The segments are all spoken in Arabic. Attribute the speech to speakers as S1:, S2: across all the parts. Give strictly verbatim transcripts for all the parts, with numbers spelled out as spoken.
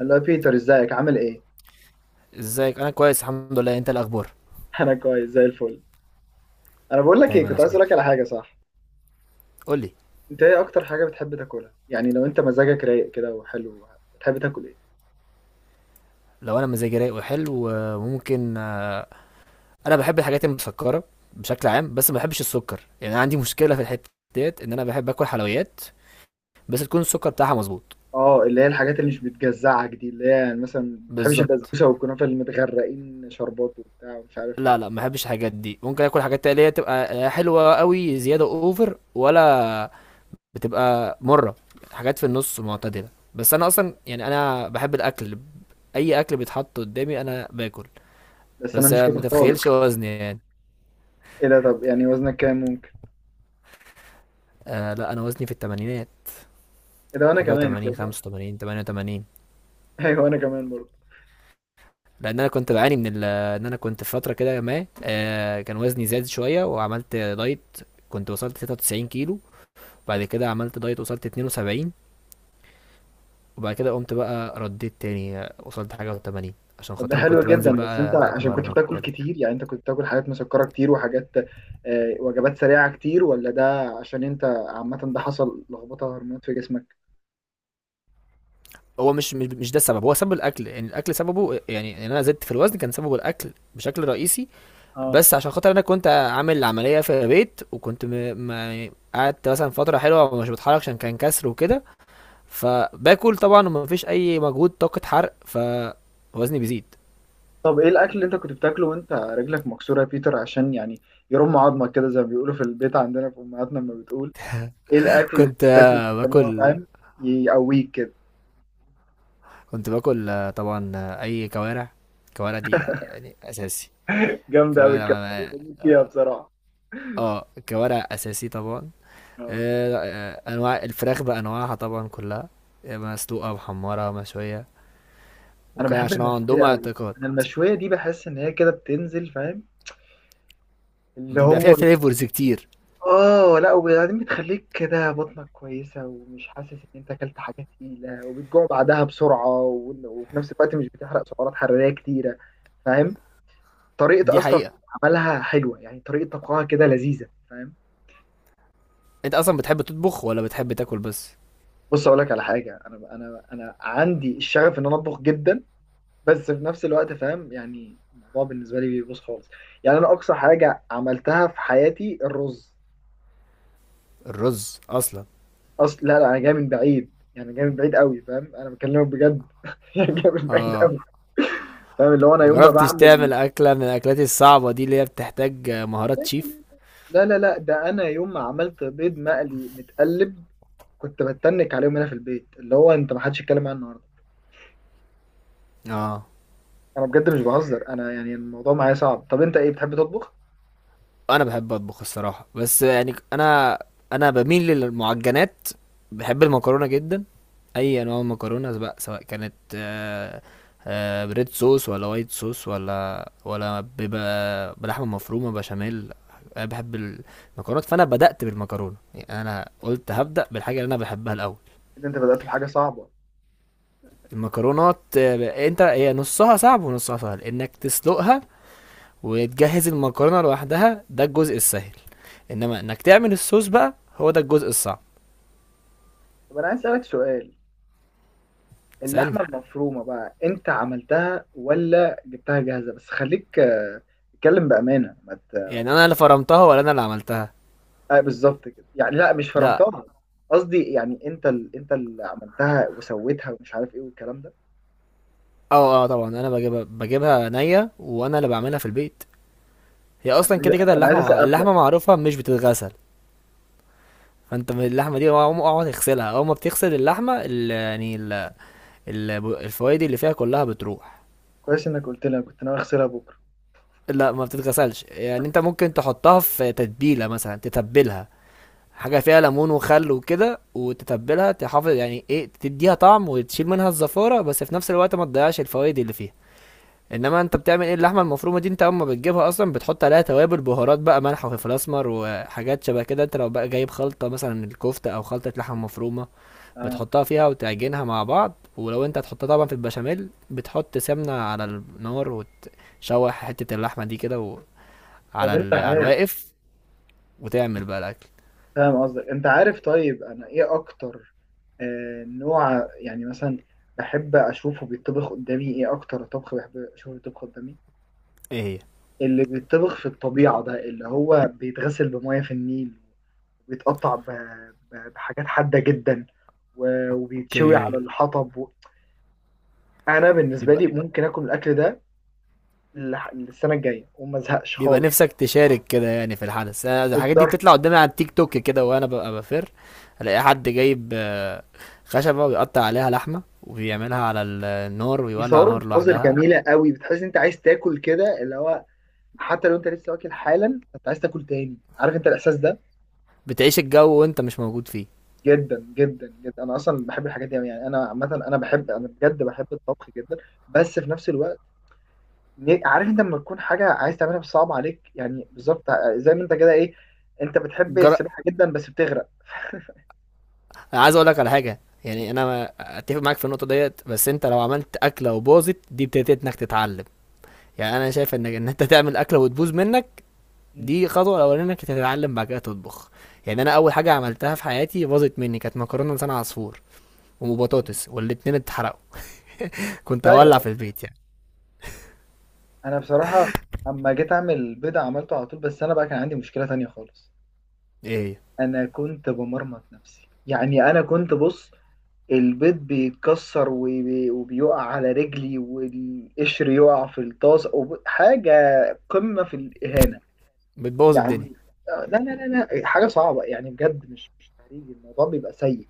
S1: اللي هو بيتر، ازيك؟ عامل ايه؟
S2: ازيك؟ انا كويس الحمد لله. انت إيه الاخبار؟
S1: انا كويس زي الفل. انا بقول لك ايه،
S2: دايما يا
S1: كنت عايز اقول لك
S2: صديقي.
S1: على حاجه، صح؟
S2: قول لي.
S1: انت ايه اكتر حاجه بتحب تاكلها؟ يعني لو انت مزاجك رايق كده وحلو، بتحب تاكل ايه؟
S2: لو انا مزاجي رايق وحلو آه، ممكن، آه، انا بحب الحاجات المسكره بشكل عام بس ما بحبش السكر. يعني أنا عندي مشكله في الحته ديت ان انا بحب اكل حلويات بس تكون السكر بتاعها مظبوط.
S1: اه، اللي هي الحاجات اللي مش بتجزعك دي، اللي هي يعني مثلا ما بتحبش
S2: بالظبط.
S1: البسبوسه والكنافه اللي متغرقين شربات وبتاع ومش عارف
S2: لا لا
S1: ايه.
S2: ما بحبش الحاجات دي. ممكن اكل حاجات اللي هي تبقى لا حلوه قوي زياده اوفر ولا بتبقى مره، حاجات في النص معتدله. بس انا اصلا يعني انا بحب الاكل. اي اكل بيتحط قدامي انا باكل.
S1: بس انا
S2: بس
S1: مش
S2: آه، ما
S1: كده خالص.
S2: تتخيلش وزني يعني.
S1: ايه ده؟ طب يعني وزنك كام ممكن؟
S2: آه لا، انا وزني في الثمانينات،
S1: ايه ده؟ وانا
S2: حاجه
S1: كمان،
S2: و80،
S1: تصدق؟
S2: خمسة وتمانين، تمانية وتمانين.
S1: ايوه، وانا كمان برضه.
S2: لان انا كنت بعاني من ال- آه، ان انا كنت في فتره كده ما آه كان وزني زاد شويه وعملت دايت. كنت وصلت تلاتة وتسعين كيلو، بعد كده عملت دايت وصلت اتنين وسبعين، وبعد كده قمت بقى رديت تاني، آه، وصلت حاجه و80. عشان
S1: طب ده
S2: خاطر
S1: حلو
S2: كنت بنزل
S1: جدا. بس انت
S2: بقى
S1: عشان كنت
S2: اتمرن
S1: بتاكل
S2: وكده.
S1: كتير؟ يعني انت كنت بتاكل حاجات مسكرة كتير وحاجات، آه، وجبات سريعة كتير؟ ولا ده عشان انت عامة ده حصل لخبطة هرمونات في جسمك؟
S2: هو مش مش مش ده السبب. هو سبب الاكل. يعني الاكل سببه، يعني ان انا زدت في الوزن كان سببه الاكل بشكل رئيسي.
S1: اه.
S2: بس عشان خاطر انا كنت عامل عمليه في البيت وكنت م... ما قعدت مثلا فتره حلوه ومش بتحرك عشان كان كسر وكده. فباكل طبعا ومفيش اي مجهود، طاقه حرق، فوزني بيزيد.
S1: طب ايه الاكل اللي انت كنت بتاكله وانت رجلك مكسورة يا بيتر؟ عشان يعني يرم عظمك كده، زي ما بيقولوا في البيت عندنا، في امهاتنا لما بتقول. ايه الاكل اللي كنت
S2: كنت
S1: بتاكله
S2: آه،
S1: عشان هو
S2: باكل.
S1: فاهم يقويك كده؟
S2: كنت باكل آه، طبعا آه، اي كوارع. كوارع دي آه، يعني اساسي.
S1: جامدة قوي
S2: كوارع
S1: الكلام ده،
S2: ما-
S1: بموت فيها بصراحة.
S2: اه، كوارع اساسي طبعا.
S1: اه.
S2: آه، آه، انواع الفراخ بانواعها طبعا كلها، آه، مسلوقه محمره مشويه.
S1: انا
S2: وكان
S1: بحب
S2: عشان هو
S1: المشوية
S2: عندهم
S1: قوي.
S2: اعتقاد
S1: انا المشوية دي بحس ان هي كده بتنزل، فاهم؟ اللي
S2: بيبقى فيها
S1: هو،
S2: فليفرز كتير.
S1: اه، لا، وبعدين بتخليك كده بطنك كويسة، ومش حاسس ان انت اكلت حاجة تقيلة، وبتجوع بعدها بسرعة، وإن- وفي نفس الوقت مش بتحرق سعرات حرارية كتيرة، فاهم؟ طريقة
S2: دي
S1: اصلا
S2: حقيقة.
S1: عملها حلوة، يعني طريقة طبخها كده لذيذة، فاهم؟
S2: انت اصلا بتحب تطبخ ولا بتحب تاكل بس؟
S1: بص، اقول لك على حاجة. انا انا انا عندي الشغف ان انا اطبخ جدا، بس في نفس الوقت، فاهم؟ يعني الموضوع بالنسبة لي بيبوظ خالص. يعني انا اقصى حاجة عملتها في حياتي الرز.
S2: الرز اصلا.
S1: اصل، لا لا، انا جاي من بعيد، يعني جاي من بعيد قوي، فاهم؟ انا بكلمك بجد. يعني جاي من بعيد
S2: اه.
S1: قوي، فاهم؟ اللي هو انا يوم ما
S2: مجربتش
S1: بعمل،
S2: تعمل اكلة من الاكلات الصعبة دي اللي هي بتحتاج مهارات شيف؟
S1: لا لا لا ده انا يوم ما عملت بيض مقلي متقلب كنت بتنك عليهم هنا في البيت، اللي هو انت ما حدش يتكلم عنه النهارده.
S2: اه.
S1: انا بجد مش بهزر، انا يعني الموضوع معايا صعب. طب انت ايه بتحب تطبخ؟
S2: انا بحب اطبخ الصراحة، بس يعني انا، انا بميل للمعجنات. بحب المكرونة جدا. اي انواع مكرونه بقى، سواء كانت آه، آه، بريد صوص ولا وايت صوص ولا ولا بيبقى بلحمه مفرومه بشاميل. انا بحب المكرونات. فانا بدات بالمكرونه. يعني انا قلت هبدا بالحاجه اللي انا بحبها الاول.
S1: إذا انت بدأت بحاجه صعبه.
S2: المكرونات آه، انت هي نصها صعب ونصها سهل، انك تسلقها وتجهز المكرونه لوحدها ده الجزء السهل. انما انك تعمل الصوص بقى هو ده الجزء الصعب.
S1: طب انا عايز اسالك سؤال، اللحمه
S2: سألني.
S1: المفرومه بقى انت عملتها ولا جبتها جاهزه؟ بس خليك، آه، اتكلم بامانه، ما ت-
S2: يعني انا اللي فرمتها ولا انا اللي عملتها؟
S1: آه بالظبط كده يعني، لا مش
S2: لا.
S1: فرمتها، قصدي يعني انت ال... انت اللي عملتها وسويتها ومش عارف ايه والكلام ده.
S2: اه اه، طبعا انا بجيبها بجيبها نيه وانا اللي بعملها في البيت. هي
S1: انا
S2: اصلا
S1: عايز،
S2: كده كده
S1: أنا عايز
S2: اللحمه مع...
S1: اسقف
S2: اللحمه
S1: لك.
S2: معروفه مش بتتغسل. فانت من اللحمه دي اقعد اقعد تغسلها. اول ما بتغسل اللحمه ال... يعني ال... ال... الفوائد اللي فيها كلها بتروح.
S1: كويس انك قلت لي، أنا كنت ناوي اغسلها بكره.
S2: لا ما بتتغسلش. يعني انت ممكن تحطها في تتبيله مثلا، تتبلها حاجه فيها ليمون وخل وكده وتتبلها. تحافظ يعني ايه؟ تديها طعم وتشيل منها الزفاره، بس في نفس الوقت ما تضيعش الفوائد اللي فيها. انما انت بتعمل ايه؟ اللحمه المفرومه دي انت اما بتجيبها اصلا بتحط عليها توابل بهارات بقى، ملح وفلفل اسمر وحاجات شبه كده. انت لو بقى جايب خلطه مثلا الكفته او خلطه لحمه مفرومه
S1: اه.
S2: بتحطها فيها وتعجنها مع بعض. ولو انت هتحطها طبعا في البشاميل بتحط سمنه على النار وتشوح حته اللحمه دي كده و-
S1: طب
S2: على
S1: انت
S2: ال... على
S1: عارف،
S2: الواقف وتعمل بقى الاكل.
S1: فاهم قصدك؟ انت عارف طيب انا ايه اكتر آه نوع يعني مثلا بحب اشوفه بيطبخ قدامي؟ ايه اكتر طبخ بحب اشوفه بيطبخ قدامي؟
S2: ايه هي؟
S1: اللي بيطبخ في الطبيعه ده، اللي هو بيتغسل بميه في النيل، وبيتقطع ب- ب- بحاجات حادة جدا، و- وبيتشوي على
S2: اوكي.
S1: الحطب و... انا بالنسبة لي ممكن اكل الاكل ده لح- للسنة الجاية وما ازهقش
S2: بيبقى
S1: خالص.
S2: نفسك تشارك كده يعني في الحدث. أنا الحاجات دي
S1: بالظبط.
S2: بتطلع قدامي على التيك توك كده وانا ببقى بفر، الاقي حد جايب آه، خشبة ويقطع عليها لحمة وبيعملها على ال- النار ويولع
S1: بيصوروا
S2: نار
S1: مناظر
S2: لوحدها.
S1: جميلة قوي، بتحس إن انت عايز تاكل كده، اللي هو حتى لو انت لسه واكل حالا، انت عايز تاكل تاني، عارف انت الاحساس ده؟
S2: بتعيش الجو وانت مش موجود فيه.
S1: جدا جدا جدا، انا اصلا بحب الحاجات دي أوي. يعني انا عامه، انا بحب، انا بجد بحب الطبخ جدا. بس في نفس الوقت، ن- عارف انت لما تكون حاجه عايز تعملها بس صعب عليك؟ يعني بالظبط، ع- زي ما انت كده ايه، انت بتحب
S2: جر...
S1: السباحه جدا بس بتغرق.
S2: انا عايز اقول لك على حاجة. يعني انا ما- اتفق معاك في النقطة ديت، بس انت لو عملت اكلة وباظت دي ابتديت انك تتعلم. يعني انا شايف انك ان انت تعمل اكلة وتبوظ منك
S1: مم.
S2: دي خطوة الاولانية انك تتعلم بعد كده تطبخ. يعني انا اول حاجة عملتها في حياتي باظت مني كانت مكرونة لسان عصفور
S1: مم.
S2: وبطاطس والاتنين اتحرقوا. كنت
S1: لا يا
S2: هولع
S1: راجل.
S2: في البيت يعني.
S1: انا بصراحه اما جيت اعمل بيضه عملته على طول، بس انا بقى كان عندي مشكله تانية خالص.
S2: ايه هي؟
S1: انا كنت بمرمط نفسي، يعني انا كنت بص، البيض بيتكسر وبي- وبيقع على رجلي، والقشر يقع في الطاس وب- حاجه قمه في الاهانه
S2: بتبوظ الدنيا.
S1: يعني. آه، لا لا لا لا، حاجه صعبه يعني بجد، مش مش تهريج، الموضوع بيبقى سيء.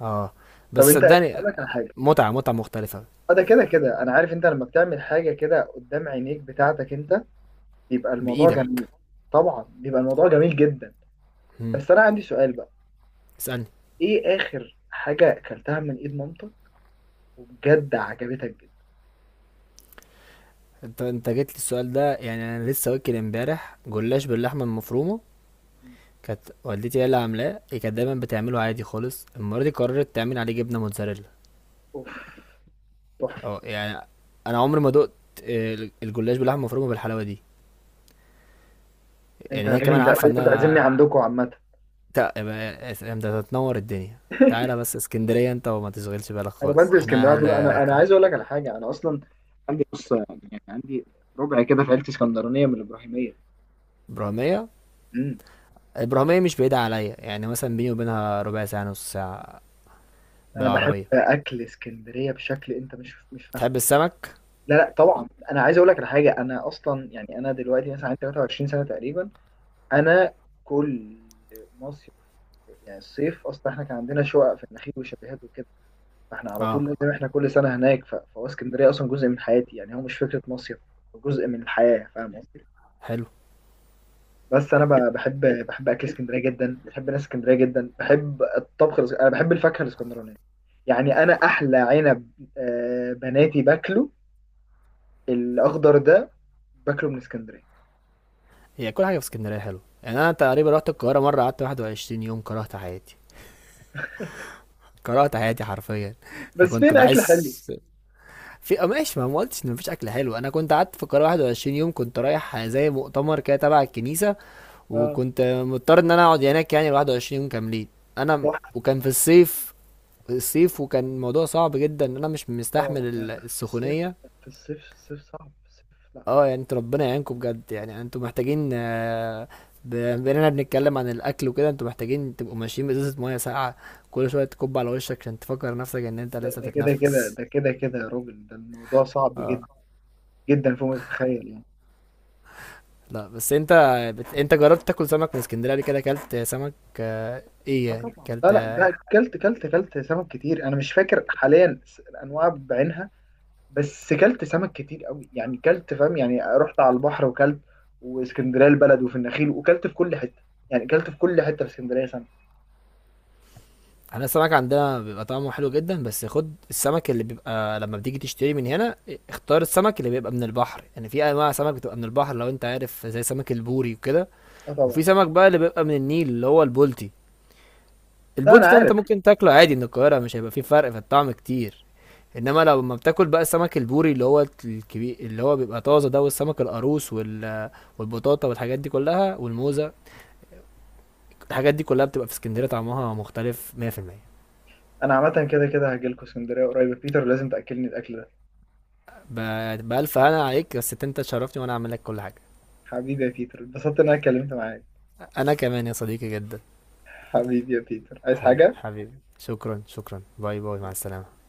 S2: اه،
S1: طب
S2: بس
S1: انت،
S2: صدقني،
S1: اقول لك على حاجه.
S2: متعة متعة مختلفة.
S1: اه، ده كده كده انا عارف، انت لما بتعمل حاجه كده قدام عينيك بتاعتك انت، بيبقى الموضوع
S2: بإيدك.
S1: جميل. طبعا بيبقى الموضوع جميل جدا.
S2: مم.
S1: بس انا عندي سؤال بقى،
S2: اسألني.
S1: ايه اخر حاجه اكلتها من ايد مامتك وبجد عجبتك جدا؟
S2: انت انت جيت لي السؤال ده. يعني انا لسه واكل امبارح جلاش باللحمة المفرومة. كانت والدتي هي اللي عاملاه، هي كانت دايما بتعمله عادي خالص، المرة دي قررت تعمل عليه جبنة موتزاريلا.
S1: اوف، تحفه.
S2: اه، يعني انا عمري ما دقت آه، الجلاش باللحمة المفرومة بالحلاوة دي.
S1: انت
S2: يعني هي كمان
S1: لازم، ده
S2: عارفة ان
S1: لازم تعزمني
S2: انا،
S1: عندكم عامه.
S2: تا يبقى اس- انت هتنور الدنيا. تعالى بس اسكندرية انت وما تشغلش بالك
S1: انا
S2: خالص،
S1: بنزل اسكندريه
S2: احنا
S1: على
S2: اهل.
S1: طول. انا انا عايز اقول لك على حاجه، انا اصلا عندي، بص، يعني عندي ربع كده في عيلتي اسكندرانيه من الابراهيميه.
S2: ابراهيمية.
S1: امم.
S2: ابراهيمية مش بعيدة عليا، يعني مثلا بيني وبينها ربع ساعة نص ساعة
S1: انا بحب
S2: بالعربية.
S1: اكل اسكندريه بشكل انت مش مش فاهم.
S2: تحب السمك؟
S1: لا لا، طبعا. انا عايز اقول لك على حاجه، انا اصلا يعني انا دلوقتي مثلا عندي ثلاثة وعشرين سنه تقريبا. انا كل مصيف، يعني الصيف اصلا احنا كان عندنا شقق في النخيل وشاليهات وكده، فاحنا على طول
S2: اه.
S1: لازم احنا كل سنه هناك، ف- فهو اسكندريه اصلا جزء من حياتي، يعني هو مش فكره مصيف، هو جزء من الحياه، فاهم قصدي؟
S2: حلو.
S1: بس انا ب- بحب، بحب اكل اسكندريه جدا، بحب ناس اسكندريه جدا، بحب الطبخ الاس- انا بحب الفاكهه الاسكندرانيه. يعني انا احلى عنب، آه، بناتي باكله، الاخضر ده، باكله من اسكندريه.
S2: هي كل حاجة في اسكندرية حلو. يعني انا تقريبا رحت القاهرة مرة قعدت واحد وعشرين يوم كرهت حياتي. كرهت حياتي حرفيا. انا
S1: بس
S2: كنت
S1: فين اكل حلو؟
S2: بحس في آه ماشي. ما أنا ما قلتش ان مفيش اكل حلو. انا كنت قعدت في القاهرة واحد وعشرين يوم كنت رايح زي مؤتمر كده تبع الكنيسة.
S1: اه،
S2: وكنت مضطر ان انا اقعد هناك يعني واحد وعشرين يوم كاملين. انا م-
S1: تحفه.
S2: وكان في الصيف. الصيف وكان الموضوع صعب جدا. انا مش
S1: اه،
S2: مستحمل
S1: لا،
S2: ال-
S1: لا، في الصيف،
S2: السخونية.
S1: في الصيف، الصيف صعب في الصيف، لا
S2: اه،
S1: صعب.
S2: يعني انتوا ربنا يعينكم بجد. يعني انتوا محتاجين، آه، ب- بما اننا بنتكلم عن الاكل وكده، انتوا محتاجين تبقوا ماشيين بازازة مية ساقعة كل شوية تكب على وشك عشان تفكر نفسك ان انت
S1: ده
S2: لسه
S1: ده كده كده،
S2: بتتنفس.
S1: ده كده كده يا راجل، ده الموضوع صعب
S2: اه.
S1: جدا، جدا فوق ما تتخيل يعني.
S2: لا، بس انت بت... انت جربت تاكل سمك من اسكندرية قبل كده؟ اكلت سمك؟ آه، ايه
S1: اه
S2: يعني
S1: طبعا. لا
S2: اكلت.
S1: لا، ده كلت كلت كلت سمك كتير، انا مش فاكر حاليا، س- الانواع بعينها، بس كلت سمك كتير قوي، يعني كلت، فاهم؟ يعني رحت على البحر وكلت، واسكندريه البلد، وفي النخيل، وكلت في كل حته، يعني كلت في كل حته في اسكندريه سمك.
S2: احنا السمك عندنا بيبقى طعمه حلو جدا. بس خد السمك اللي بيبقى لما بتيجي تشتري من هنا، اختار السمك اللي بيبقى من البحر. يعني في انواع سمك بتبقى من البحر، لو انت عارف زي سمك البوري وكده.
S1: اه طبعا.
S2: وفي سمك بقى اللي بيبقى من النيل اللي هو البولتي.
S1: لا، انا
S2: البولتي ده انت
S1: عارف.
S2: ممكن تاكله عادي من القاهرة، مش هيبقى فيه فرق في الطعم كتير. انما لو لما بتاكل بقى السمك البوري اللي هو الكبير اللي هو بيبقى طازه ده، والسمك القاروص وال... والبطاطا والحاجات دي كلها والموزة، الحاجات دي كلها بتبقى في اسكندرية طعمها مختلف مائة في المئة.
S1: انا عامه كده كده هاجي لكم اسكندريه قريب بيتر، لازم تاكلني الاكل ده.
S2: ب- بألف هنا عليك. بس انت تشرفني وانا اعمل لك كل حاجة.
S1: حبيبي يا بيتر، اتبسطت ان انا اتكلمت معاك.
S2: انا كمان يا صديقي جدا.
S1: حبيبي يا بيتر، عايز
S2: حبيبي
S1: حاجة؟
S2: حبيبي، شكرا شكرا، باي باي، مع السلامة.